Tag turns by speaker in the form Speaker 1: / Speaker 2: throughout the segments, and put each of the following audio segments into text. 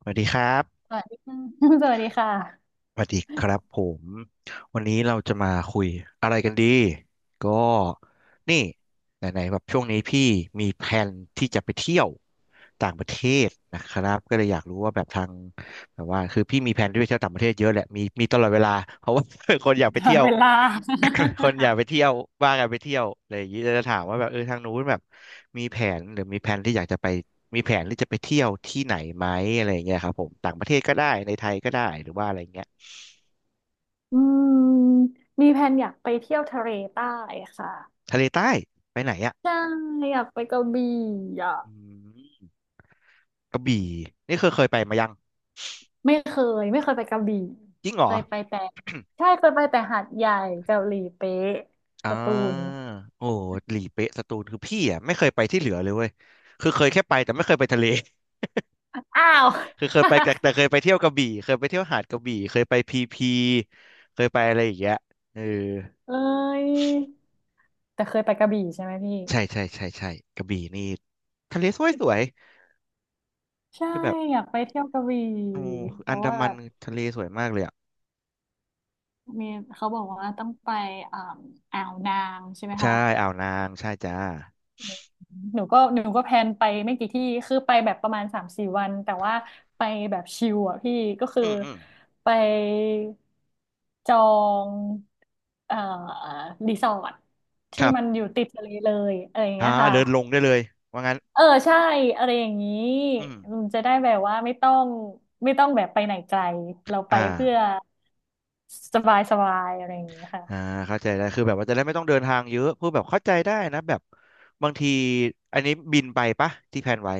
Speaker 1: สวัสดีครับ
Speaker 2: สวัสดีค่ะ สวัสดีค่ะ
Speaker 1: สวัสดีครับผมวันนี้เราจะมาคุยอะไรกันดีก็นี่ไหนๆแบบช่วงนี้พี่มีแผนที่จะไปเที่ยวต่างประเทศนะครับก็เลยอยากรู้ว่าแบบทางแบบว่าคือพี่มีแผนที่จะไปเที่ยวต่างประเทศเยอะแหละมีตลอดเวลาเพราะว่า คน
Speaker 2: ต
Speaker 1: อยา
Speaker 2: ด
Speaker 1: กไป
Speaker 2: ตลอ
Speaker 1: เที่
Speaker 2: ด
Speaker 1: ยว
Speaker 2: เวลา
Speaker 1: คนอยากไปเที่ยวว่ากันไปเที่ยวอะไรอย่างนี้จะถามว่าแบบเออทางนู้นแบบมีแผนหรือมีแผนที่อยากจะไปมีแผนที่จะไปเที่ยวที่ไหนไหมอะไรอย่างเงี้ยครับผมต่างประเทศก็ได้ในไทยก็ได้หรือว่าอะไรเงี้ย
Speaker 2: อืมมีแผนอยากไปเที่ยวทะเลใต้ค่ะ
Speaker 1: ทะเลใต้ไปไหนอ่ะ
Speaker 2: ใช่อยากไปกระบี่อ่ะ
Speaker 1: อืมกระบี่นี่เคยไปมายัง
Speaker 2: ไม่เคไม่เคยไปกระบี่
Speaker 1: จริงเหร
Speaker 2: เค
Speaker 1: อ
Speaker 2: ยไปแต่ ใช่ เคยไปแต่หาดใหญ่กระหลีเป๊ะ
Speaker 1: อ่า
Speaker 2: สตูล
Speaker 1: โอ้หลีเป๊ะสตูลคือพี่อ่ะไม่เคยไปที่เหลือเลยเว้ยคือเคยแค่ไปแต่ไม่เคยไปทะเล
Speaker 2: อ้าว
Speaker 1: คือเคยไปแต่เคยไปเที่ยวกระบี่เคยไปเที่ยวหาดกระบี่เคยไปพีพีเคยไปอะไรอย่างเงี้ยเออ
Speaker 2: เอ้ยแต่เคยไปกระบี่ใช่ไหมพี่
Speaker 1: ใช่ใช่ใช่ใช่กระบี่นี่ทะเลสวยสวย
Speaker 2: ใช่
Speaker 1: ที่แบบ
Speaker 2: อยากไปเที่ยวกระบี่
Speaker 1: โอ้
Speaker 2: เพ
Speaker 1: อัน
Speaker 2: ราะ
Speaker 1: ดา
Speaker 2: ว่า
Speaker 1: มั
Speaker 2: แบ
Speaker 1: น
Speaker 2: บ
Speaker 1: ทะเลสวยมากเลยอ่ะ
Speaker 2: มีเขาบอกว่าต้องไปอ่าอ่าวนางใช่ไหม
Speaker 1: ใช่
Speaker 2: คะ
Speaker 1: อ่าวนางใช่จ้า
Speaker 2: หนูก็แพลนไปไม่กี่ที่คือไปแบบประมาณสามสี่วันแต่ว่าไปแบบชิลอ่ะพี่ก็คือ
Speaker 1: อืมอืม
Speaker 2: ไปจองเอ่อรีสอร์ท
Speaker 1: ค
Speaker 2: ที่
Speaker 1: รับ
Speaker 2: มันอยู่ติดทะเลเลยอะไรอย่าง
Speaker 1: อ่า
Speaker 2: เงี้ยค่ะ
Speaker 1: เดินลงได้เลยว่างั้น
Speaker 2: เออใช่อะไรอย่างนี้
Speaker 1: อืม
Speaker 2: มันจะได้แบบว่าไม่ต้องแบบไปไหนไกลเราไป
Speaker 1: อ่า
Speaker 2: เพื่อสบายสบายอะไรอย่างนี้ค่ะ
Speaker 1: อ่าเข้าใจได้คือแบบว่าจะได้ไม่ต้องเดินทางเยอะพูดแบบเข้าใจได้นะแบบบางที อันนี้บินไปปะที่แพลนไว้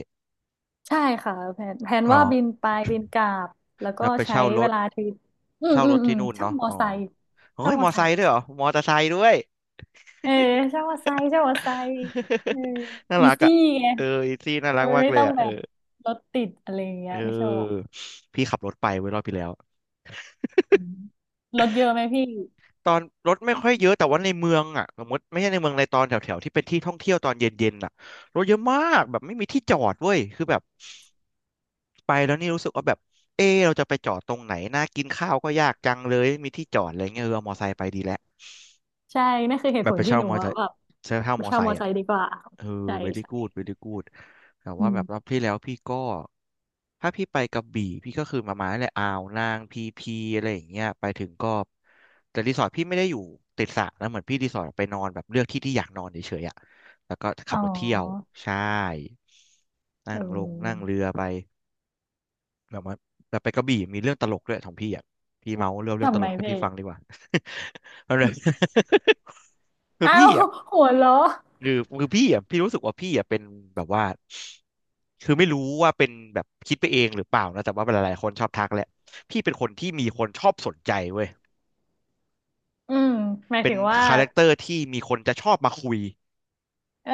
Speaker 2: ใช่ค่ะแผน
Speaker 1: อ๋อ
Speaker 2: ว่า บินไปบินกลับแล้วก็
Speaker 1: แล้วไป
Speaker 2: ใช้
Speaker 1: เช่าร
Speaker 2: เว
Speaker 1: ถ
Speaker 2: ลาทริปอืม
Speaker 1: เช่า
Speaker 2: อื
Speaker 1: ร
Speaker 2: ม
Speaker 1: ถ
Speaker 2: อื
Speaker 1: ที่
Speaker 2: ม
Speaker 1: นู่น
Speaker 2: เช่า
Speaker 1: เนาะ
Speaker 2: มอ
Speaker 1: อ๋อ
Speaker 2: ไซค์
Speaker 1: เฮ้
Speaker 2: เช่า
Speaker 1: ย
Speaker 2: ม
Speaker 1: ม
Speaker 2: อ
Speaker 1: อ
Speaker 2: ไซ
Speaker 1: ไซ
Speaker 2: ค์
Speaker 1: ค์ด้วยเหรอมอเตอร์ไซค์ด้วย
Speaker 2: เออเช่ามอไซค์เช่ามอไซค์เออ
Speaker 1: น่า
Speaker 2: อี
Speaker 1: รักอ่ะ
Speaker 2: ซี่ไง
Speaker 1: เอออีซี่น่ารั
Speaker 2: มั
Speaker 1: ก
Speaker 2: น
Speaker 1: มาก
Speaker 2: ไม่
Speaker 1: เลย
Speaker 2: ต้อง
Speaker 1: อ่ะเอ
Speaker 2: แบ
Speaker 1: อ
Speaker 2: บรถติดอะไรอย่างเงี้ย
Speaker 1: เอ
Speaker 2: ไม่โชค
Speaker 1: อพี่ขับรถไปเว้ยรอบที่แล้ว
Speaker 2: อืมรถเยอะไหมพี่
Speaker 1: ตอนรถไม่
Speaker 2: อื
Speaker 1: ค่อย
Speaker 2: ม
Speaker 1: เยอะแต่ว่าในเมืองอ่ะสมมติไม่ใช่ในเมืองในตอนแถวๆที่เป็นที่ท่องเที่ยวตอนเย็นๆอ่ะรถเยอะมากแบบไม่มีที่จอดเว้ยคือแบบ ไปแล้วนี่รู้สึกว่าแบบเอะเราจะไปจอดตรงไหน น่ากินข้าวก็ยากจังเลยไม่มีที่จอดอะไรเงี้ยเออเอามอไซค์ไปดีแล้ว
Speaker 2: ใช่นั่นคือเห
Speaker 1: แบ
Speaker 2: ตุผ
Speaker 1: บไป
Speaker 2: ลที่
Speaker 1: เช่า
Speaker 2: หนู
Speaker 1: มอไซ
Speaker 2: อะ
Speaker 1: ค์
Speaker 2: แบบ
Speaker 1: เช่ามอ
Speaker 2: เช่า
Speaker 1: ไซ
Speaker 2: มอ
Speaker 1: ค์
Speaker 2: ไซ
Speaker 1: อ่ะ
Speaker 2: ค์ดีกว่า
Speaker 1: เออ
Speaker 2: ใช่
Speaker 1: very good
Speaker 2: ใช่
Speaker 1: very good แต่
Speaker 2: อื
Speaker 1: ว่าแบบรอ
Speaker 2: ม
Speaker 1: บที่แล้วพี่ก็ ถ้าพี่ไปกระบี่พี่ก็คือมาเลยอ่าวนางพีพีอะไรอย่างเงี้ยไปถึงก็ แต่รีสอร์ทพี่ไม่ได้อยู่ติดสระนะเหมือนพี่รีสอร์ทไปนอนแบบเลือกที่ที่อยากนอนเฉยๆอ่ะแล้วก็ขั
Speaker 2: อ๋อ
Speaker 1: บรถเที่ยวใช่
Speaker 2: เอ
Speaker 1: นั่งลงนั่ง
Speaker 2: อ
Speaker 1: เรือไป แบบว่าแต่ไปกระบี่มีเรื่องตลกด้วยของพี่อ่ะพี่เมาเรื่องต
Speaker 2: ทำ
Speaker 1: ล
Speaker 2: ไม
Speaker 1: กให้
Speaker 2: พี่
Speaker 1: พี่ฟังดีกว่า อะไร คือ
Speaker 2: อ้า
Speaker 1: พี่
Speaker 2: ว
Speaker 1: อ่ะ
Speaker 2: หัวเราะ
Speaker 1: คือคือพี่อ่ะพี่รู้สึกว่าพี่อ่ะเป็นแบบว่าคือไม่รู้ว่าเป็นแบบคิดไปเองหรือเปล่านะแต่ว่าหลายๆคนชอบทักแหละพี่เป็นคนที่มีคนชอบสนใจเว้ย
Speaker 2: อืมหมาย
Speaker 1: เป็
Speaker 2: ถึ
Speaker 1: น
Speaker 2: งว่า
Speaker 1: คาแรคเตอร์ที่มีคนจะชอบมาคุย
Speaker 2: เออ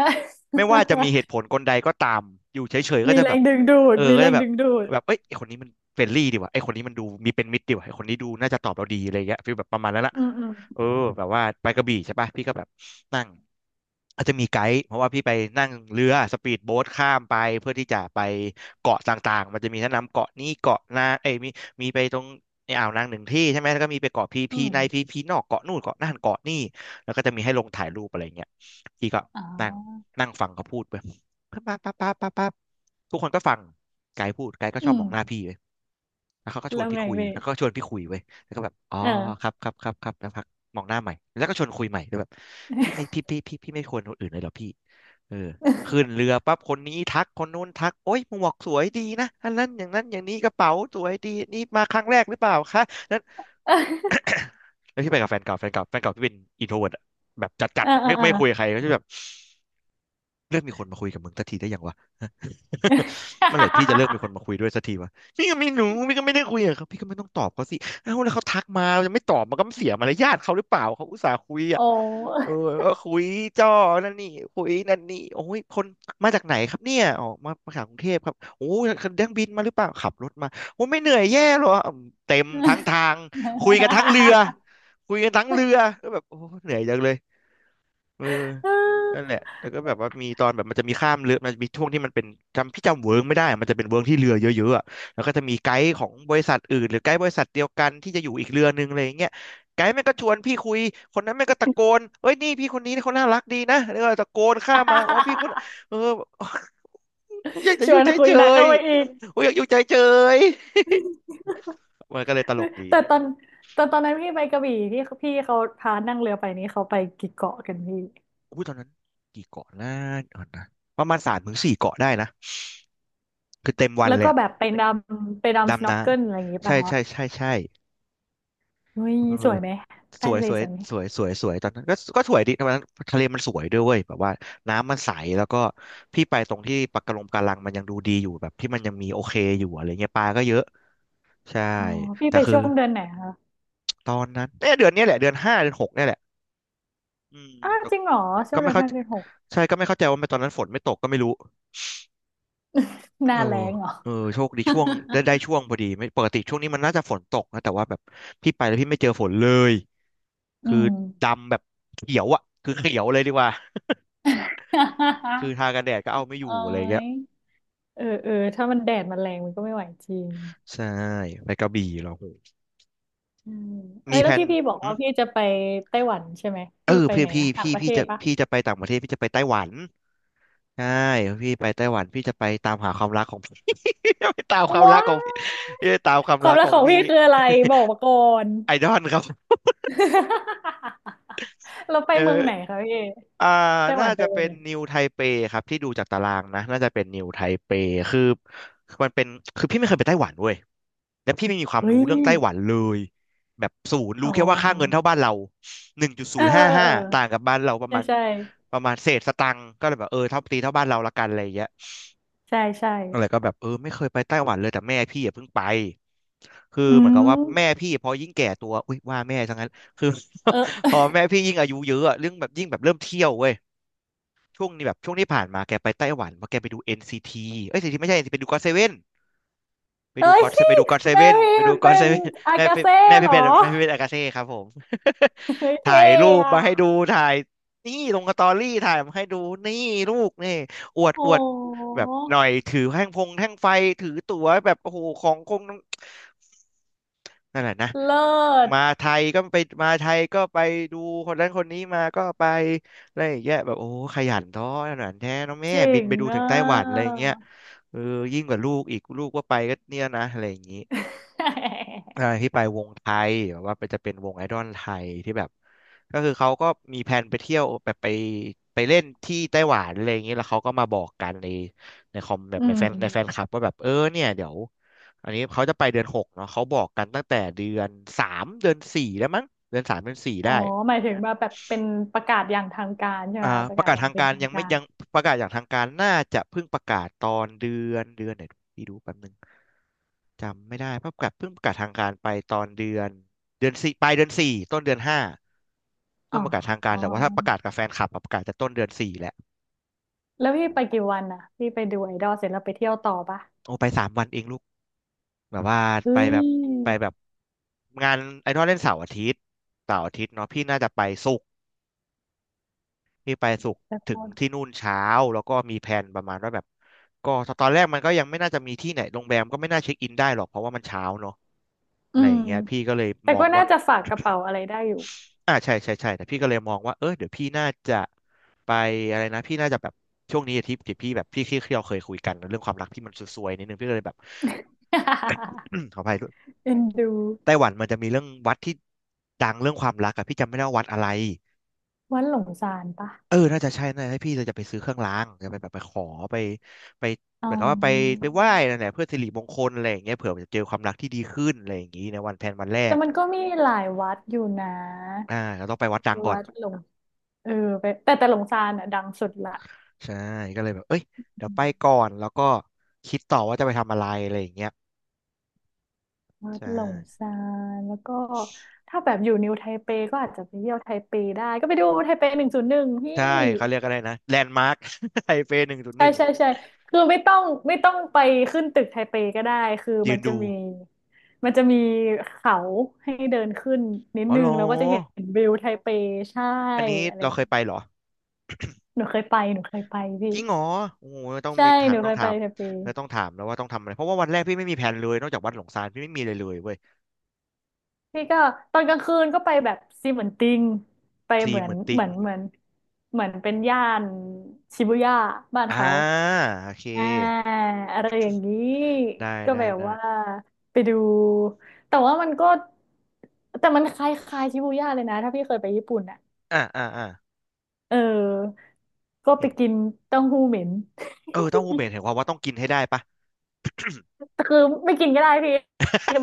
Speaker 1: ไม่ว่าจะมีเหตุผ ลกลใดก็ตามอยู่เฉยๆก็
Speaker 2: มี
Speaker 1: จะ
Speaker 2: แร
Speaker 1: แบบ
Speaker 2: งดึงดูด
Speaker 1: เออ
Speaker 2: มี
Speaker 1: ก็
Speaker 2: แร
Speaker 1: จะ
Speaker 2: ง
Speaker 1: แบบ
Speaker 2: ดึงดูด
Speaker 1: แบบเอ้ยไอคนนี้มันเฟรนลี่ดีว่ะไอคนนี้มันดูมีเป็นมิตรดีว่ะไอคนนี้ดูน่าจะตอบเราดีอะไรเงี้ยฟีลแบบประมาณนั้นละ
Speaker 2: อืมอืม
Speaker 1: เออแบบว่าไปกระบี่ใช่ป่ะพี่ก็แบบนั่งอาจจะมีไกด์เพราะว่าพี่ไปนั่งเรือสปีดโบ๊ทข้ามไปเพื่อที่จะไปเกาะต่างๆมันจะมีแนะนำเกาะนี้เกาะนาเอ้ยมีมีไปตรงในอ่าวนางหนึ่งที่ใช่ไหมแล้วก็มีไปเกาะพี
Speaker 2: อื
Speaker 1: พี
Speaker 2: ม
Speaker 1: ในพีพีนอกเกาะนู่นเกาะนั่นเกาะนี่แล้วก็จะมีให้ลงถ่ายรูปอะไรเงี้ยพี่ก็
Speaker 2: อ๋
Speaker 1: นั่ง
Speaker 2: อ
Speaker 1: นั่งฟังเขาพูดไปปั๊บปั๊บปั๊บปั๊บปั๊บปั๊บทุกคนก็ฟังไกด์พูดไกด์ก็ช
Speaker 2: อื
Speaker 1: อบ
Speaker 2: ม
Speaker 1: มองหน้าพี่ไปแล้วเขาก็ชว
Speaker 2: แล้
Speaker 1: น
Speaker 2: ว
Speaker 1: พี่
Speaker 2: ไง
Speaker 1: คุย
Speaker 2: พี่
Speaker 1: แล้วก็ชวนพี่คุยไว้ยแล้วก็แบบอ๋อ
Speaker 2: เอ
Speaker 1: ค
Speaker 2: อ
Speaker 1: รับครับครับครับแล้วพักมองหน้าใหม่แล้วก็ชวนคุยใหม่แล้วแบบพี่ไม่พี่ไม่ควรคนอื่นเลยเหรอพี่เออขึ้น เรือปั๊บคนนี้ทักคนนู้นทักโอ๊ยหมวกสวยดีนะอันนั้นอย่างนั้นอย่างนี้กระเป๋าสวยดีนี่มาครั้งแรกหรือเปล่าคะนั้น
Speaker 2: เอ
Speaker 1: แล้วพี่ไปกับแฟนเก่าแฟนเก่าพี่เป็นอินโทรเวิร์ตแบบจัด
Speaker 2: อ
Speaker 1: จัด
Speaker 2: เออ
Speaker 1: ไม่
Speaker 2: เออ
Speaker 1: ไม่คุยกับใครก็จะแบบ เลิกมีคนมาคุยกับมึงสักทีได้ยังวะ เมื่อไหร่พี่จะเลิกมีคนมาคุย ด้วยสักทีวะพี่ก็ไม่รู้พี่ก็ไม่ได้คุยกับเขาพี่ก็ไม่ต้องตอบเขาสิเอ้าแล้วเขาทักมาจะไม่ตอบมันก็เสียมารยาทเขาหรือเปล่าเขาอุตส่าห์คุย
Speaker 2: โอ
Speaker 1: อ่ะเอ
Speaker 2: ้
Speaker 1: อก็คุยจ้อนั่นนี่คุยนั่นนี่โอ้ยคนมาจากไหนครับเนี่ยอ๋อมาจากกรุงเทพครับโอ้ยเดังบินมาหรือเปล่าขับรถมาโอ้ยไม่เหนื่อยแย่หรออืมเต็มทั้งทางคุยกันทั้งเรือคุยกันทั้งเรือก็แบบโอ้ยเหนื่อยจังเลย เออนั่นแหละแล้วก็แบบว่ามีตอนแบบมันจะมีข้ามเรือมันจะมีช่วงที่มันเป็นจำพี่จำเวิร์กไม่ได้อะมันจะเป็นเวิร์กที่เรือเยอะๆอะแล้วก็จะมีไกด์ของบริษัทอื่นหรือไกด์บริษัทเดียวกันที่จะอยู่อีกเรือนึงอะไรอย่างเงี้ยไกด์แม่งก็ชวนพี่คุยคนนั้นแม่งก็ตะโกนเอ้ยนี่พี่คนนี้เขาน่ารักดีนะแล้วก็ตะโกนข้ามมาอ๋อพี่คนเออ กูอยาก จะ
Speaker 2: ช
Speaker 1: อ
Speaker 2: ว
Speaker 1: ยู่
Speaker 2: น
Speaker 1: เ
Speaker 2: คุย
Speaker 1: ฉ
Speaker 2: หนัก
Speaker 1: ย
Speaker 2: เข้าไปอีก
Speaker 1: ๆกูอยากอยู่เฉยๆมันก็เลยตลกดี
Speaker 2: แต่ตอนแต่ตอนนั้นพี่ไปกระบี่ที่พี่เขาพานั่งเรือไปนี้เขาไปกี่เกาะกันพี่
Speaker 1: อุ้ยตอนนั้นกี่เกาะนะเดี๋ยวก่อนนะประมาณสามถึงสี่เกาะได้นะคือเต็มวัน
Speaker 2: แล้ว
Speaker 1: เลย
Speaker 2: ก็
Speaker 1: อะ
Speaker 2: แบบไปดำสโน
Speaker 1: ดำ
Speaker 2: ว์
Speaker 1: นะ
Speaker 2: เกิลอะไรอย่างงี้
Speaker 1: ใช่
Speaker 2: ป่ะคะ
Speaker 1: ใช่ใช่ใช่
Speaker 2: เฮ้ย
Speaker 1: เออ
Speaker 2: สวยไหม
Speaker 1: ส
Speaker 2: ใต้
Speaker 1: วย
Speaker 2: ทะเล
Speaker 1: สวย
Speaker 2: สวยไหม
Speaker 1: สวยสวยสวยตอนนั้นก็สวยดีตอนนั้นทะเลมันสวยด้วยเวยแบบว่าน้ำมันใสแล้วก็พี่ไปตรงที่ปะการังกะลังมันยังดูดีอยู่แบบที่มันยังมีโอเคอยู่อะไรเงี้ยปลาก็เยอะใช่
Speaker 2: อ๋อพี่
Speaker 1: แต่
Speaker 2: ไป
Speaker 1: คือ
Speaker 2: ช่วงเดือนไหนคะ
Speaker 1: ตอนนั้นเนี่ยเดือนเนี้ยแหละเดือนห้าเดือนหกเนี่ยแหละอืม
Speaker 2: อ้าว
Speaker 1: แต่
Speaker 2: จริงเหรอช่ว
Speaker 1: ก็
Speaker 2: งเดื
Speaker 1: ไม่
Speaker 2: อน
Speaker 1: เข้า
Speaker 2: ห้าเดือนหก
Speaker 1: ใช่ก็ไม่เข้าใจว่าทำไมตอนนั้นฝนไม่ตกก็ไม่รู้
Speaker 2: ห
Speaker 1: เอ
Speaker 2: น้า
Speaker 1: อ
Speaker 2: แล้งเหรอ
Speaker 1: เออโชคดีช่วงได้ ช่วงพอดีไม่ปกติช่วงนี้มันน่าจะฝนตกนะแต่ว่าแบบพี่ไปแล้วพี่ไม่เจอฝนเลย
Speaker 2: อื
Speaker 1: คือ
Speaker 2: ม
Speaker 1: ดำแบบเขียวอ่ะคือเขียวเลยดีกว่าคือทากันแดดก็เอาไม่อ
Speaker 2: เอ้
Speaker 1: ยู่อะไรเงี้
Speaker 2: ย
Speaker 1: ย
Speaker 2: เออเออถ้ามันแดดมันแรงมันก็ไม่ไหวจริง
Speaker 1: ใช่ไปกระบี่เหรอโห
Speaker 2: ใช่เอ้
Speaker 1: มี
Speaker 2: ย
Speaker 1: แผ
Speaker 2: แล้ว
Speaker 1: น
Speaker 2: ที่พี่บอก
Speaker 1: อื
Speaker 2: ว่า
Speaker 1: ม
Speaker 2: พี่จะไปไต้หวันใช่ไหม
Speaker 1: เอ
Speaker 2: พี่
Speaker 1: อ
Speaker 2: ไป
Speaker 1: พี่
Speaker 2: ไหน
Speaker 1: พี่
Speaker 2: นะต่าง
Speaker 1: พี่
Speaker 2: ประเท
Speaker 1: พี่
Speaker 2: ศ
Speaker 1: จะ
Speaker 2: ปะ
Speaker 1: พี่จะไปต่างประเทศพี่จะไปไต้หวันใช่พี่ไปไต้หวันพี่จะไปตามหาความรักของ พี่ จะไปตามความรั
Speaker 2: ว้า
Speaker 1: ก
Speaker 2: ว
Speaker 1: ของพี่พี่จะตามความ
Speaker 2: ควา
Speaker 1: รั
Speaker 2: ม
Speaker 1: ก
Speaker 2: รั
Speaker 1: ข
Speaker 2: ก
Speaker 1: อ
Speaker 2: ข
Speaker 1: ง
Speaker 2: อง
Speaker 1: พี่
Speaker 2: พี่คืออะไรบอกมาก่อน
Speaker 1: ไอดอลครับ
Speaker 2: เราไป
Speaker 1: เออ
Speaker 2: เมืองไหนคะพี่
Speaker 1: อ่า
Speaker 2: ไต้หวั
Speaker 1: น่า
Speaker 2: นไป
Speaker 1: จะ
Speaker 2: เมือ
Speaker 1: เป็
Speaker 2: ง
Speaker 1: น
Speaker 2: ไหน
Speaker 1: นิวไทเปครับที่ดูจากตารางนะน่าจะเป็นนิวไทเปคือคือมันเป็นคือพี่ไม่เคยไปไต้หวันเว้ย และพี่ไม่มีความ
Speaker 2: เฮ้ย
Speaker 1: รู้เรื่องไต้หวันเลยแบบศูนย์
Speaker 2: อ๋
Speaker 1: รู้
Speaker 2: อ
Speaker 1: แค่ว่าค่าเงินเท่าบ้านเราหนึ่งจุดศู
Speaker 2: เออ
Speaker 1: นย์
Speaker 2: เออ
Speaker 1: ห้า
Speaker 2: เอ
Speaker 1: ห้า
Speaker 2: อ
Speaker 1: ต่างกับบ้านเราป
Speaker 2: เออ
Speaker 1: ระ
Speaker 2: ใช่
Speaker 1: มาณ
Speaker 2: ใช่
Speaker 1: ประมาณเศษสตังค์ก็เลยแบบเออเท่าตีเท่าบ้านเราละกันอะไรอย่างเงี้ย
Speaker 2: ใช่ใช่
Speaker 1: อะไรก็แบบเออไม่เคยไปไต้หวันเลยแต่แม่พี่อย่าเพิ่งไปคือ
Speaker 2: อื
Speaker 1: เหมือนกับ
Speaker 2: ม
Speaker 1: ว่าแม่พี่พอยิ่งแก่ตัวอุ้ยว่าแม่ทั้งนั้นคือ
Speaker 2: เอ
Speaker 1: พ
Speaker 2: อ
Speaker 1: อแม่พี่ยิ่งอายุเยอะอะเรื่องแบบยิ่งแบบเริ่มเที่ยวเว้ยช่วงนี้แบบช่วงที่ผ่านมาแกไปไต้หวันเพราะแกไปดู NCT เอ้ยเอ็นซีทีไม่ใช่เอ็นซีทีไปดูก็อตเซเว่น ไป
Speaker 2: เอ้
Speaker 1: ดู
Speaker 2: ย
Speaker 1: ก็อดไปดูก็อดเซ
Speaker 2: แม่
Speaker 1: เว่น
Speaker 2: พี่
Speaker 1: ไปดูก็อ
Speaker 2: เป็
Speaker 1: ดเซ
Speaker 2: น
Speaker 1: เว่น
Speaker 2: อา
Speaker 1: แม่
Speaker 2: กา
Speaker 1: พี่
Speaker 2: เซ่
Speaker 1: แม่
Speaker 2: เห
Speaker 1: พี่
Speaker 2: รอ
Speaker 1: เป็นแม่พี่เป็นอากาเซ่ครับผม
Speaker 2: เฮ้ย
Speaker 1: ถ่า
Speaker 2: เท่
Speaker 1: ยรูป
Speaker 2: อ
Speaker 1: มาให้ดู
Speaker 2: ะ
Speaker 1: ถ่ายนี่ลงสตอรี่ถ่ายมาให้ดูนี่ลูกนี่อวด
Speaker 2: โอ้
Speaker 1: อวดแบบ
Speaker 2: โห
Speaker 1: หน่อยถือแท่งพงแท่งไฟถือตั๋วแบบโอ้โหของคงนั่นแหละนะ
Speaker 2: เลิศ
Speaker 1: มาไทยก็ไปมาไทยก็ไปดูคนนั้นคนนี้มาก็ไปอะไรอย่างเงี้ยแบบโอ้ขยันท้อขยันแท้เน้องแม่
Speaker 2: เจ๋
Speaker 1: บิน
Speaker 2: ง
Speaker 1: ไปดูถึ
Speaker 2: อ่
Speaker 1: งไต้หวันอะไรอ
Speaker 2: ะ
Speaker 1: ย่างเงี้ยเออยิ่งกว่าลูกอีกลูกว่าไปก็เนี่ยนะอะไรอย่างงี้ อ่าที่ไปวงไทยแบบว่าไปนจะเป็นวงไอดอลไทยที่แบบก็คือเขาก็มีแผนไปเที่ยวแบบไปเล่นที่ไต้หวันอะไรอย่างเงี้ยแล้วเขาก็มาบอกกันในในคอมแบบ
Speaker 2: อื
Speaker 1: ในแฟนค
Speaker 2: ม
Speaker 1: ลับว่าแบบเออเนี่ยเดี๋ยวอันนี้เขาจะไปเดือนหกเนาะเขาบอกกันตั้งแต่เดือนสามเดือนสี่แล้วมั้งเดือนสามเดือนสี่
Speaker 2: อ๋
Speaker 1: ได้
Speaker 2: อหมายถึงว่าแบบเป็นประกาศอย่างทางการใช่ไห
Speaker 1: อ่า
Speaker 2: มป
Speaker 1: ป
Speaker 2: ระกา
Speaker 1: ระ
Speaker 2: ศ
Speaker 1: กาศ
Speaker 2: อย่าง
Speaker 1: ทาง
Speaker 2: เป็
Speaker 1: กา
Speaker 2: น
Speaker 1: ร
Speaker 2: ทาง
Speaker 1: ยังไม่
Speaker 2: การ
Speaker 1: ยังประกาศอย่างทางการน่าจะเพิ่งประกาศตอนเดือนไหนพี่ดูแป๊บนึงจำไม่ได้เพราะประกาศเพิ่งประกาศทางการไปตอนเดือนสี่ปลายเดือนสี่ต้นเดือนห้า
Speaker 2: อ๋
Speaker 1: เพิ่งประกาศทางการ
Speaker 2: อ
Speaker 1: แต่ว่าถ้าประกาศกับแฟนคลับอะประกาศจะต้นเดือนสี่แหละ
Speaker 2: แล้วพี่
Speaker 1: อื
Speaker 2: ไปกี่
Speaker 1: ม
Speaker 2: วันอ่ะพี่ไปดูไอดอลเสร็จแล้วไปเที่ยวต่อปะ
Speaker 1: โอ้ไปสามวันเองลูกแบบว่า
Speaker 2: เฮ้
Speaker 1: ไปแบบ
Speaker 2: ย
Speaker 1: ไปแบบงานไอดอลเล่นเสาร์อาทิตย์เสาร์อาทิตย์เนาะพี่น่าจะไปศุ พี่ไปศุกร์
Speaker 2: แต่
Speaker 1: ถึงที่
Speaker 2: ก็
Speaker 1: นู่นเช้าแล้วก็มีแผนประมาณว่าแบบก็ตอนแรกมันก็ยังไม่น่าจะมีที่ไหนโรงแรมก็ไม่น่าเช็คอินได้หรอกเพราะว่ามันเช้าเนอะอะ
Speaker 2: อื
Speaker 1: ไรอ
Speaker 2: ม
Speaker 1: ย่างเงี้ยพี่ก็เลย
Speaker 2: แต่
Speaker 1: มอ
Speaker 2: ก็
Speaker 1: ง
Speaker 2: น่า
Speaker 1: ว่า
Speaker 2: จะฝากกระเป๋าอะไรได้อยู่
Speaker 1: อ่าใช่ใช่ใช่แต่พี่ก็เลยมองว่าเออเดี๋ยวพี่น่าจะไปอะไรนะพี่น่าจะแบบช่วงนี้อาทิตย์ที่พี่แบบพี่ที่เราเคยคุยกันเรื่องความรักที่มันซวยๆนิดนึงพี่ก็เลยแบบ ขออภัยด้วย
Speaker 2: เอ็นดู
Speaker 1: ไต้หวันมันจะมีเรื่องวัดที่ดังเรื่องความรักอะพี่จำไม่ได้ว่าวัดอะไร
Speaker 2: วัดหลงสารปะ
Speaker 1: เออน่าจะใช่น่าจะให้พี่เลยจะไปซื้อเครื่องรางจะไปแบบไปขอไปไป
Speaker 2: อ๋
Speaker 1: เหมือนกับว่าไป
Speaker 2: อ
Speaker 1: ไปไหว้นั่นแหละเพื่อสิริมงคลอะไรอย่างเงี้ยเผื่อมันจะเจอความรักที่ดีขึ้นอะไรอย่างงี้ในวันแพนวันแร
Speaker 2: แต่
Speaker 1: ก
Speaker 2: มันก็มีหลายวัดอยู่นะ
Speaker 1: อ่าเราต้องไปวัดดัง
Speaker 2: ที่
Speaker 1: ก่อน
Speaker 2: วัดหลงเออไปแต่แต่หลงสานอ่ะดังสุดละ
Speaker 1: ใช่ก็เลยแบบเอ้ยเดี๋ย
Speaker 2: อื
Speaker 1: วไป
Speaker 2: ม
Speaker 1: ก่อนแล้วก็คิดต่อว่าจะไปทำอะไรอะไรอย่างเงี้ย
Speaker 2: วั
Speaker 1: ใช
Speaker 2: ดหลง
Speaker 1: ่
Speaker 2: ซานแล้วก็ถ้าแบบอยู่นิวไทเปก็อาจจะไปเที่ยวไทเปได้ ก็ไปดูไทเปหนึ่งศูนย์หนึ่งพี่
Speaker 1: ใช่เขาเรียกอะไรนะแลนด์มาร์ค ไทเป หนึ่งจุดห
Speaker 2: ใช่
Speaker 1: นึ่ง
Speaker 2: ใช่ใช่คือไม่ต้องไม่ต้องไปขึ้นตึกไทเปก็ได้ คือ
Speaker 1: ยื
Speaker 2: มัน
Speaker 1: น
Speaker 2: จะ
Speaker 1: ดู
Speaker 2: มีมันจะมีเขาให้เดินขึ้นนิด
Speaker 1: อ๋อ
Speaker 2: นึ
Speaker 1: เหร
Speaker 2: ง
Speaker 1: อ
Speaker 2: แล้วก็จะเห็นวิวไทเปใช่
Speaker 1: อันนี้
Speaker 2: อะไร
Speaker 1: เราเคยไปเหรอ
Speaker 2: หนูเคยไปหนูเคยไปพี่
Speaker 1: จริงเหรอโอ้โหต้อง
Speaker 2: ใช่
Speaker 1: มีถา
Speaker 2: ห
Speaker 1: ม
Speaker 2: นู
Speaker 1: ต้
Speaker 2: เค
Speaker 1: อง
Speaker 2: ย
Speaker 1: ถา
Speaker 2: ไป
Speaker 1: ม
Speaker 2: ไทเป
Speaker 1: แล้วต้องถามแล้วว่าต้องทำอะไรเพราะว่าวันแรกพี่ไม่มีแผนเลยนอกจากวัดหลงซานพี่ไม่มีเลยเลยเว้ย
Speaker 2: พี่ก็ตอนกลางคืนก็ไปแบบซีเหมือนติงไป
Speaker 1: ซี
Speaker 2: เหมือ
Speaker 1: เห
Speaker 2: น
Speaker 1: มือนติ
Speaker 2: เหมื
Speaker 1: ง
Speaker 2: อนเหมือนเหมือนเป็นย่านชิบูย่าบ้าน
Speaker 1: อ่า
Speaker 2: เขา
Speaker 1: โอเค
Speaker 2: อ่าอะไรอย่างนี้
Speaker 1: ได้
Speaker 2: ก็
Speaker 1: ได้
Speaker 2: แบบ
Speaker 1: ได้
Speaker 2: ว่าไปดูแต่ว่ามันก็แต่มันคล้ายๆชิบูย่าเลยนะถ้าพี่เคยไปญี่ปุ่นอ่ะ
Speaker 1: อ่าอ่าอ่า
Speaker 2: เออก็ไป
Speaker 1: เห็น
Speaker 2: กินเต้าหู้เหม็น
Speaker 1: เออเต้าหู้เหม็นเห็นความว่าต้องกินให้ได้ปะ
Speaker 2: แต่คือไม่กินก็ได้พี่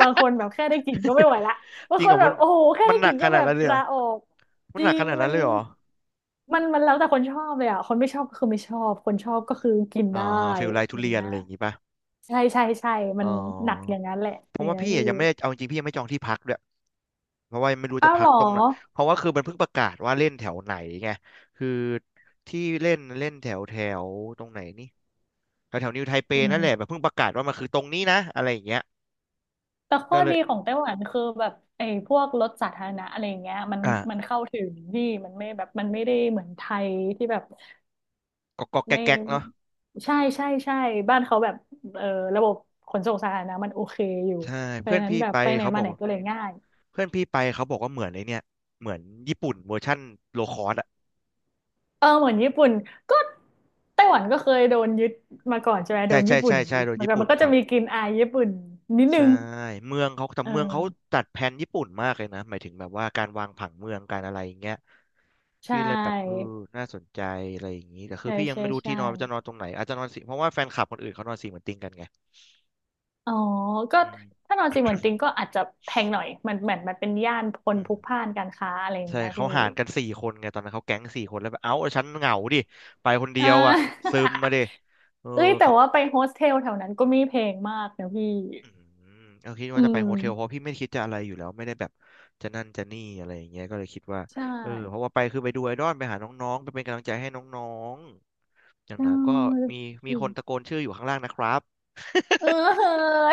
Speaker 2: บางคนแบบแค่ได้กลิ่นก็ไม่ไหวละ บา
Speaker 1: จ
Speaker 2: ง
Speaker 1: ริง
Speaker 2: ค
Speaker 1: เหร
Speaker 2: น
Speaker 1: อ
Speaker 2: แบ
Speaker 1: มั
Speaker 2: บ
Speaker 1: น
Speaker 2: โอ้โหแค่
Speaker 1: มัน
Speaker 2: ได้
Speaker 1: ห
Speaker 2: ก
Speaker 1: นัก
Speaker 2: ลิ่น
Speaker 1: ข
Speaker 2: ก็
Speaker 1: นา
Speaker 2: แบ
Speaker 1: ด
Speaker 2: บ
Speaker 1: นั้นเลยเหร
Speaker 2: ลา
Speaker 1: อ
Speaker 2: ออก
Speaker 1: มั
Speaker 2: จ
Speaker 1: นห
Speaker 2: ริ
Speaker 1: นักข
Speaker 2: ง
Speaker 1: นาด
Speaker 2: มั
Speaker 1: นั้น
Speaker 2: น
Speaker 1: เลยเหรอ
Speaker 2: มันมันแล้วแต่คนชอบเลยอ่ะคนไม่ชอบก็คือไม่ชอบคนชอบก็คือกิน
Speaker 1: อ๋อ
Speaker 2: ได้
Speaker 1: ฟิลไล
Speaker 2: อ
Speaker 1: ทุ
Speaker 2: ย่าง
Speaker 1: เรียน
Speaker 2: เงี้
Speaker 1: อะ
Speaker 2: ย
Speaker 1: ไรอย่างงี้ปะ
Speaker 2: ใช่ใช่ใช่มั
Speaker 1: อ๋
Speaker 2: นหนักอ
Speaker 1: อ
Speaker 2: ย่างนั้นแหละ
Speaker 1: เพ
Speaker 2: อ
Speaker 1: ราะ
Speaker 2: ย่าง
Speaker 1: ว่า
Speaker 2: เงี้ย
Speaker 1: พี่
Speaker 2: พี่
Speaker 1: อะยังไม่ได้เอาจริงพี่ยังไม่จองที่พักด้วย เพราะว่าไม่รู้
Speaker 2: อ้า
Speaker 1: จะ
Speaker 2: วเห
Speaker 1: พั
Speaker 2: ร
Speaker 1: ก
Speaker 2: อ
Speaker 1: ตรงไหนเพราะว่าคือมันเพิ่งประกาศว่าเล่นแถวไหนไงคือที่เล่นเล่นแถวแถวตรงไหนนี่แถวแถวนิวไทเป
Speaker 2: อื
Speaker 1: นั่นแหละ
Speaker 2: ม
Speaker 1: แบบเพิ่งประกาศว่ามันคือตรงนี้นะอะไรอย่างเงี้ย
Speaker 2: แต่ข้อ
Speaker 1: ก็เล
Speaker 2: ดี
Speaker 1: ย
Speaker 2: ของไต้หวันคือแบบไอ้พวกรถสาธารณะอะไรอย่างเงี้ยมันมัน
Speaker 1: อ่ะ
Speaker 2: เข้าถึงดีมันไม่แบบมันไม่ได้เหมือนไทยที่แบบ
Speaker 1: ก็แก๊
Speaker 2: ไม่
Speaker 1: กแก๊กเนาะ
Speaker 2: ใช่ใช่ใช่บ้านเขาแบบเออระบบขนส่งสาธารณะมันโอเคอยู่
Speaker 1: ใช่
Speaker 2: เพราะ
Speaker 1: เพื่อ
Speaker 2: ฉะ
Speaker 1: น
Speaker 2: นั้น
Speaker 1: พี่
Speaker 2: แบบ
Speaker 1: ไป
Speaker 2: ไปไหน
Speaker 1: เขาบ
Speaker 2: มา
Speaker 1: อก
Speaker 2: ไหน
Speaker 1: ว่า
Speaker 2: ก็เลยง่าย
Speaker 1: เพื่อนพี่ไปเขาบอกว่าเหมือนไอ้เนี่ยเหมือนญี่ปุ่นเวอร์ชั่นโลคอสอ่ะ
Speaker 2: เออเหมือนญี่ปุ่นก็ไต้หวันก็เคยโดนยึดมาก่อนใช่ไหมโด
Speaker 1: ใช่
Speaker 2: น
Speaker 1: ใช่
Speaker 2: ญี่ปุ่น
Speaker 1: ใช่ใช่
Speaker 2: ยึด
Speaker 1: โดน
Speaker 2: มัน
Speaker 1: ญี่
Speaker 2: ก็
Speaker 1: ปุ่
Speaker 2: มั
Speaker 1: น
Speaker 2: นก็จะ
Speaker 1: เขา
Speaker 2: มีกลิ่นอายญี่ปุ่นนิดนึ
Speaker 1: ใช่
Speaker 2: ง
Speaker 1: เมืองเขาแต่
Speaker 2: เ
Speaker 1: เมืองเขา
Speaker 2: ออ
Speaker 1: จัดแผนญี่ปุ่นมากเลยนะหมายถึงแบบว่าการวางผังเมืองการอะไรอย่างเงี้ย
Speaker 2: ใช
Speaker 1: พี่เลยแบบเออ
Speaker 2: ่
Speaker 1: น่าสนใจอะไรอย่างนี้แต่คือ
Speaker 2: ใช่
Speaker 1: พี่ยัง
Speaker 2: ใช่
Speaker 1: ไม่รู้
Speaker 2: ใช่
Speaker 1: ที่นอนว่าจะนอนตรงไหนอาจจะนอนสี่เพราะว่าแฟนคลับคนอื่นเขานอนสี่เหมือนติงกันไง
Speaker 2: อ๋อก็
Speaker 1: อืม
Speaker 2: ถ้านอนจริงเหมือนจ ริงก็อาจจะแพงหน่อยมันเหมือนมันเป็นย่านคน
Speaker 1: อื
Speaker 2: พ
Speaker 1: ม
Speaker 2: ลุกพล่านการค้าอะไรอย่าง
Speaker 1: ใช่
Speaker 2: เงี้ย
Speaker 1: เขา
Speaker 2: พี่
Speaker 1: หารกันสี่คนไงตอนนั้นเขาแก๊งสี่คนแล้วแบบเอ้าฉันเหงาดิไปคนเดี
Speaker 2: เอ
Speaker 1: ยวอ่ะ
Speaker 2: อ
Speaker 1: ซึมมาดิเออ
Speaker 2: เอ้ยแต่
Speaker 1: เขา
Speaker 2: ว่าไปโฮสเทลแถวนั้นก็ไม่แพงมากนะพี่
Speaker 1: อืมเขาคิด
Speaker 2: อื
Speaker 1: ว่าจะไปโฮเทลเพราะ
Speaker 2: ม
Speaker 1: พี่ไม่คิดจะอะไรอยู่แล้วไม่ได้แบบจะนั่นจะนี่อะไรอย่างเงี้ยก็เลยคิดว่า
Speaker 2: ใช่
Speaker 1: เออเพราะว่าไปคือไปดูไอดอลไปหาน้องๆไปเป็นกำลังใจให้น้องๆอย่าง
Speaker 2: เ
Speaker 1: น้อยก็
Speaker 2: ออ
Speaker 1: มีมีคนตะโกนชื่ออยู่ข้างล่างนะครับ
Speaker 2: เออ เฮ้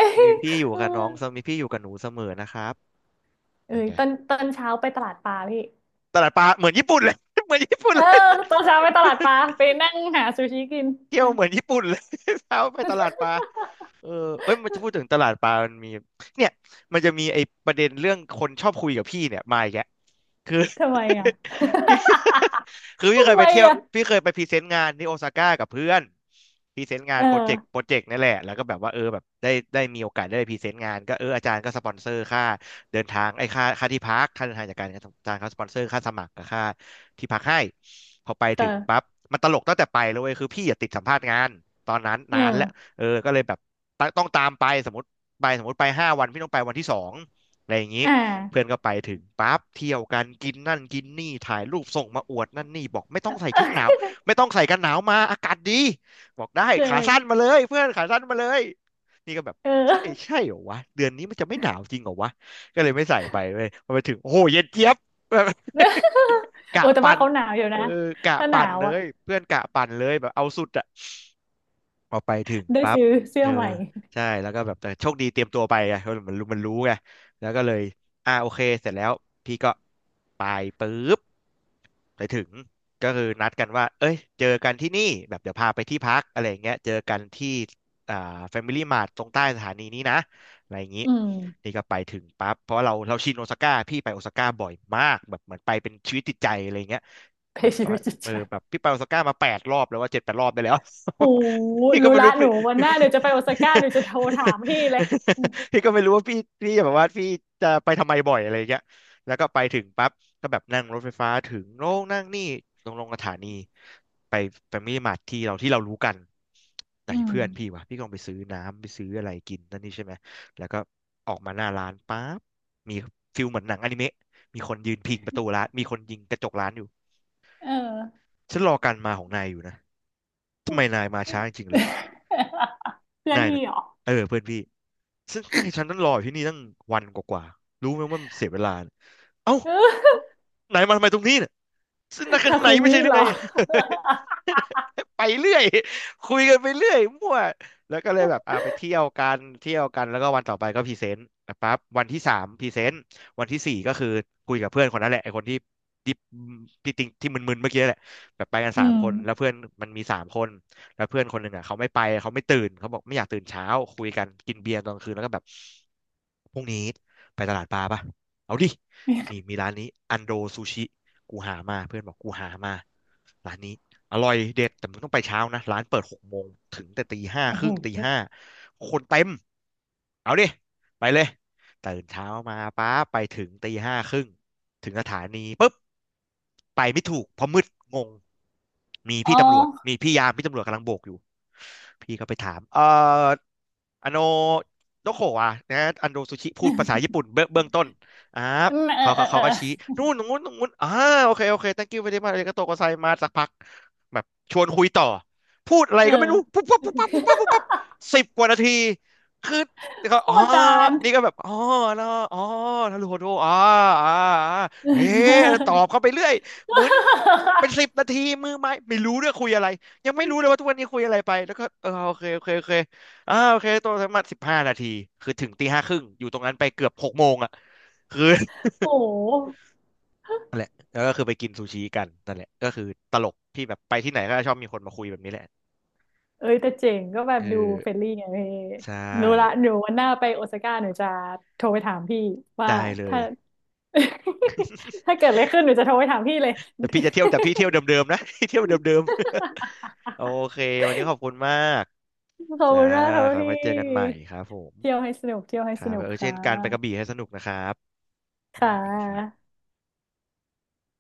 Speaker 2: ย
Speaker 1: มีพี่อยู่
Speaker 2: เออ
Speaker 1: กับน้องเสมอมีพี่อยู่กับหนูเสมอนะครับ
Speaker 2: เอ้
Speaker 1: เป็น
Speaker 2: ย
Speaker 1: ไง
Speaker 2: ตอนเช้าไปตลาดปลาพี่
Speaker 1: ตลาดปลาเหมือนญี่ปุ่นเลย เหมือนญี่ปุ่น
Speaker 2: เออ
Speaker 1: เลย
Speaker 2: ตอ นเช้าไปตลาดปลาไปนั่งหาซูชิกิน
Speaker 1: เที่
Speaker 2: ไป
Speaker 1: ยวเหมือนญี่ปุ่นเลย เช้าไปตลาดปลา เออเอ้ยมันจะพูดถึงตลาดปลามันมีเนี่ยมันจะมีไอ้ประเด็นเรื่องคนชอบคุยกับพี่เนี่ยมาอีกแยะคือ
Speaker 2: ทำไมอ่ะ
Speaker 1: พี่ คือ พี่เค
Speaker 2: ทำ
Speaker 1: ย
Speaker 2: ไม
Speaker 1: ไปเที่ยว
Speaker 2: อ่ะ
Speaker 1: พี่เคยไปพรีเซนต์งานที่โอซาก้ากับเพื่อนพรีเซนต์งา
Speaker 2: เอ
Speaker 1: น
Speaker 2: อ
Speaker 1: โปรเจกต์โปรเจกต์นั่นแหละแล้วก็แบบว่าเออแบบได้มีโอกาสได้ไปพรีเซนต์งานก็เอออาจารย์ก็สปอนเซอร์ค่าเดินทางไอ้ค่าที่พักค่าเดินทางจากการอาจารย์เขาสปอนเซอร์ค่าสมัครกับค่าที่พักให้พอไปถึงปั๊
Speaker 2: เออ
Speaker 1: บมันตลกตั้งแต่ไปเลยเว้ยคือพี่อย่าติดสัมภาษณ์งานตอนนั้น
Speaker 2: เอ
Speaker 1: นานแล้ว
Speaker 2: อ
Speaker 1: เออก็เลยแบบต้องตามไปสมมติไป5 วันพี่ต้องไปวันที่สองอะไรอย่างนี้
Speaker 2: อ่า
Speaker 1: เพื่อนก็ไปถึงปั๊บเที่ยวกันกินนั่นกินนี่ถ่ายรูปส่งมาอวดนั่นนี่บอกไม่ต้องใส่ชุดหนาวไม่ต้องใส่กันหนาวมาอากาศดีบอกได้
Speaker 2: เอ
Speaker 1: ขาสั้น
Speaker 2: อ
Speaker 1: มาเลยเพื่อนขาสั้นมาเลยนี่ก็แบบ
Speaker 2: เอ
Speaker 1: ใช่
Speaker 2: อ
Speaker 1: ใช่เหรอวะเดือนนี้มันจะไม่หนาวจริงเหรอวะก็เลยไม่ใส่ไปเลยพอไปถึงโอ้โหเย็นเจี๊ยบ แบบ กะ
Speaker 2: โอ้แต่
Speaker 1: ปั่
Speaker 2: ว่า
Speaker 1: น
Speaker 2: เขาหนาวอยู่
Speaker 1: เออ
Speaker 2: นะ
Speaker 1: กะ
Speaker 2: ถ้าหนา
Speaker 1: ปั่น
Speaker 2: ว
Speaker 1: เล
Speaker 2: อ่ะ
Speaker 1: ยเพื่อนกะปั่นเลยแบบเอาสุดอะ พอไปถึง
Speaker 2: ได้
Speaker 1: ปั๊บ
Speaker 2: ซื้อเสื้
Speaker 1: เอ
Speaker 2: อ
Speaker 1: อ
Speaker 2: ใหม่
Speaker 1: ใช่แล้วก็แบบแต่โชคดีเตรียมตัวไปไงเพราะมันรู้ไงแล้วก็เลยอ่าโอเค เสร็จแล้วพี่ก็ไปปุ๊บไปถึงก็คือนัดกันว่าเอ้ยเจอกันที่นี่แบบเดี๋ยวพาไปที่พักอะไรอย่างเงี้ยเจอกันที่อ่า Family Mart ตรงใต้สถานีนี้นะอะไรอย่างงี้
Speaker 2: อืม
Speaker 1: นี่ก็ไปถึงปั๊บเพราะว่าเราชินโอซาก้าพี่ไปโอซาก้าบ่อยมากแบบเหมือนไปเป็นชีวิตจิตใจอะไรอย่างเงี้ย
Speaker 2: เพ
Speaker 1: แบบ
Speaker 2: ชี
Speaker 1: ว่า
Speaker 2: วิตจิต
Speaker 1: เอ
Speaker 2: ใจ
Speaker 1: อแบบพี่ไปโอซาก้ามาแปดรอบแล้วว่า7-8 รอบได้แล้ว
Speaker 2: โอ้
Speaker 1: พี่ก็
Speaker 2: รู้
Speaker 1: ไม่
Speaker 2: ละ
Speaker 1: รู้
Speaker 2: หนู
Speaker 1: พี่
Speaker 2: วันหน้าเดี๋ยวจะไปโอซาก้าหนูจะโทรถามพี่เลย
Speaker 1: พี่ก็ไม่รู้ว่าพี่พี่แบบว่าพี่จะไปทำไมบ่อยอะไรอย่างเงี้ยแล้วก็ไปถึงปั๊บก็แบบนั่งรถไฟฟ้าถึงโน่นนั่งนี่ลงลงสถานีไปแฟมิลี่มาร์ทที่เรารู้กันไหน
Speaker 2: อื
Speaker 1: เพื่อนพี่
Speaker 2: ม
Speaker 1: วะพี่ก็ลองไปซื้อน้ำไปซื้ออะไรกินนั่นนี่ใช่ไหมแล้วก็ออกมาหน้าร้านปั๊บมีฟิลเหมือนหนังอนิเมะมีคนยืนพิงประตูร้านมีคนยิงกระจกร้านอยู่
Speaker 2: เออ
Speaker 1: ฉันรอการมาของนายอยู่นะทำไมนายมาช้าจริงๆเลย
Speaker 2: เพื่อน
Speaker 1: นาย
Speaker 2: พี่
Speaker 1: นะ
Speaker 2: เหรอ
Speaker 1: เออเพื่อนพี่ซึ่งนายฉันนั้องรออยู่ที่นี่ตั้งวันกว่าๆรู้ไหมว่ามันเสียเวลาเนี่ยเอ้านายมาทำไมตรงนี้เนี่ยซึ่งนั่ ข้าง
Speaker 2: ทา
Speaker 1: ใน
Speaker 2: คุ
Speaker 1: ไม่
Speaker 2: มิ
Speaker 1: ใช่หรือ
Speaker 2: เหร
Speaker 1: ไง
Speaker 2: อ
Speaker 1: ไปเรื่อยคุยกันไปเรื่อยมั่วแล้วก็เลยแบบอ่าไปเที่ยวกันเที่ยวกันแล้วก็วันต่อไปก็พรีเซนต์อ่ะปั๊บวันที่ 3พรีเซนต์วันที่ 4ก็คือคุยกับเพื่อนคนนั้นแหละไอ้คนที่ที่ติงที่มึนๆเมื่อกี้แหละแบบไปกัน
Speaker 2: อื
Speaker 1: สามคนแล้ว
Speaker 2: ม
Speaker 1: เพื่อนมันมีสามคน แล้วเพื่อนคนหนึ่งอ่ะเขาไม่ไปเขาไม่ตื่นเขาบอกไม่อยากตื่นเช้าคุยกันกินเบียร์ตอนกลางคืนแล้วก็แบบพรุ่งนี้ไปตลาดปลาปะเอาดินี่มีร้านนี้อันโดซูชิกูหามาเพื่อนบอกกูหามาร้านนี้อร่อยเด็ดแต่มึงต้องไปเช้านะร้านเปิดหกโมงถึงแต่ตีห้า
Speaker 2: โอ้
Speaker 1: ค
Speaker 2: โห
Speaker 1: รึ่งตีห้าคนเต็มเอาดิไปเลยตื่นเช้ามาป้าไปถึงตีห้าครึ่งถึงสถานี ไปไม่ถูกเพราะมืดงงมี
Speaker 2: อ๋
Speaker 1: พี่ตำรวจ
Speaker 2: อ
Speaker 1: มีพี่ยามพี่ตำรวจกำลังโบกอยู่พี่ก็ไปถามอันโนโดโคะอะนะอันโดซูชิพูดภาษาญี่ปุ่นเบื้องต้นอ่า
Speaker 2: เออเออ
Speaker 1: เขา
Speaker 2: เอ
Speaker 1: เขา
Speaker 2: อ
Speaker 1: เขา
Speaker 2: เอ
Speaker 1: ก็ชี้
Speaker 2: อ
Speaker 1: นู่นตรงนู้นตรงนู้นอ่าโอเคโอเค thank you very much อาริกาโตโกไซมาสักพักแบบชวนคุยต่อพูดอะไร
Speaker 2: เอ
Speaker 1: ก็ไม่รู้
Speaker 2: อ
Speaker 1: ปุ๊บปั๊บปุ๊บปั๊บปุ๊บปั๊บปุ๊บ ปั๊บ10 กว่านาทีคือเขา
Speaker 2: โค
Speaker 1: อ๋อ
Speaker 2: ตรนาน
Speaker 1: นี่ก็แบบอ๋อเนาะอ๋อทารุโฮโดอ่าอ่าอ่าเฮ้ตอบเข้าไปเรื่อย หมุนเป็นสิบนา ทีมือไม้ไม่รู้ด้วยคุยอะไรยังไม่รู้เลยว่าทุกวันนี้คุยอะไรไปแล้วก็เออโอเคโอเคโอเคอ่าโอเคตัวสมัคร15 นาทีคือถึงตีห้าครึ่งอยู่ตรงนั้นไปเกือบหกโมงอ่ะคือ
Speaker 2: โอ้โห
Speaker 1: นั่นแหละแล้วก็คือไปกินซูชิกันนั่นแหละก็คือตลกที่แบบไปที่ไหนก็ชอบมีคนมาคุยแบบนี้แหละ
Speaker 2: เอ้ยแต่เจ๋งก็แบบ
Speaker 1: เอ
Speaker 2: ดู
Speaker 1: อ
Speaker 2: เฟรนลี่ไงพี่
Speaker 1: ใช่
Speaker 2: รู้ละหนูวันหน้าไปโอซาก้าหนูจะโทรไปถามพี่ว่า
Speaker 1: ได้เลย
Speaker 2: ถ้า ถ้าเกิดอะไรขึ้นหนูจะโทรไปถามพี่เลย
Speaker 1: แต่พี่จะเที่ยวแต่พี่เที่ยวเดิมๆนะ พี่เที่ยวเดิมๆ โอเควันนี้ขอบคุณมาก
Speaker 2: ขอบ
Speaker 1: จ้า
Speaker 2: คุณมากครับ
Speaker 1: ขอ
Speaker 2: พี
Speaker 1: ไว้เจอกันใหม่
Speaker 2: ่
Speaker 1: ครับผม
Speaker 2: เที่ยวให้สนุกเที่ยวให้
Speaker 1: ค
Speaker 2: ส
Speaker 1: รับ
Speaker 2: นุก
Speaker 1: เออ
Speaker 2: ค่
Speaker 1: เช่นการไปกระ
Speaker 2: ะ
Speaker 1: บี่ให้สนุกนะครับ นะ
Speaker 2: ค่ะ
Speaker 1: ครับสวัสดีครับ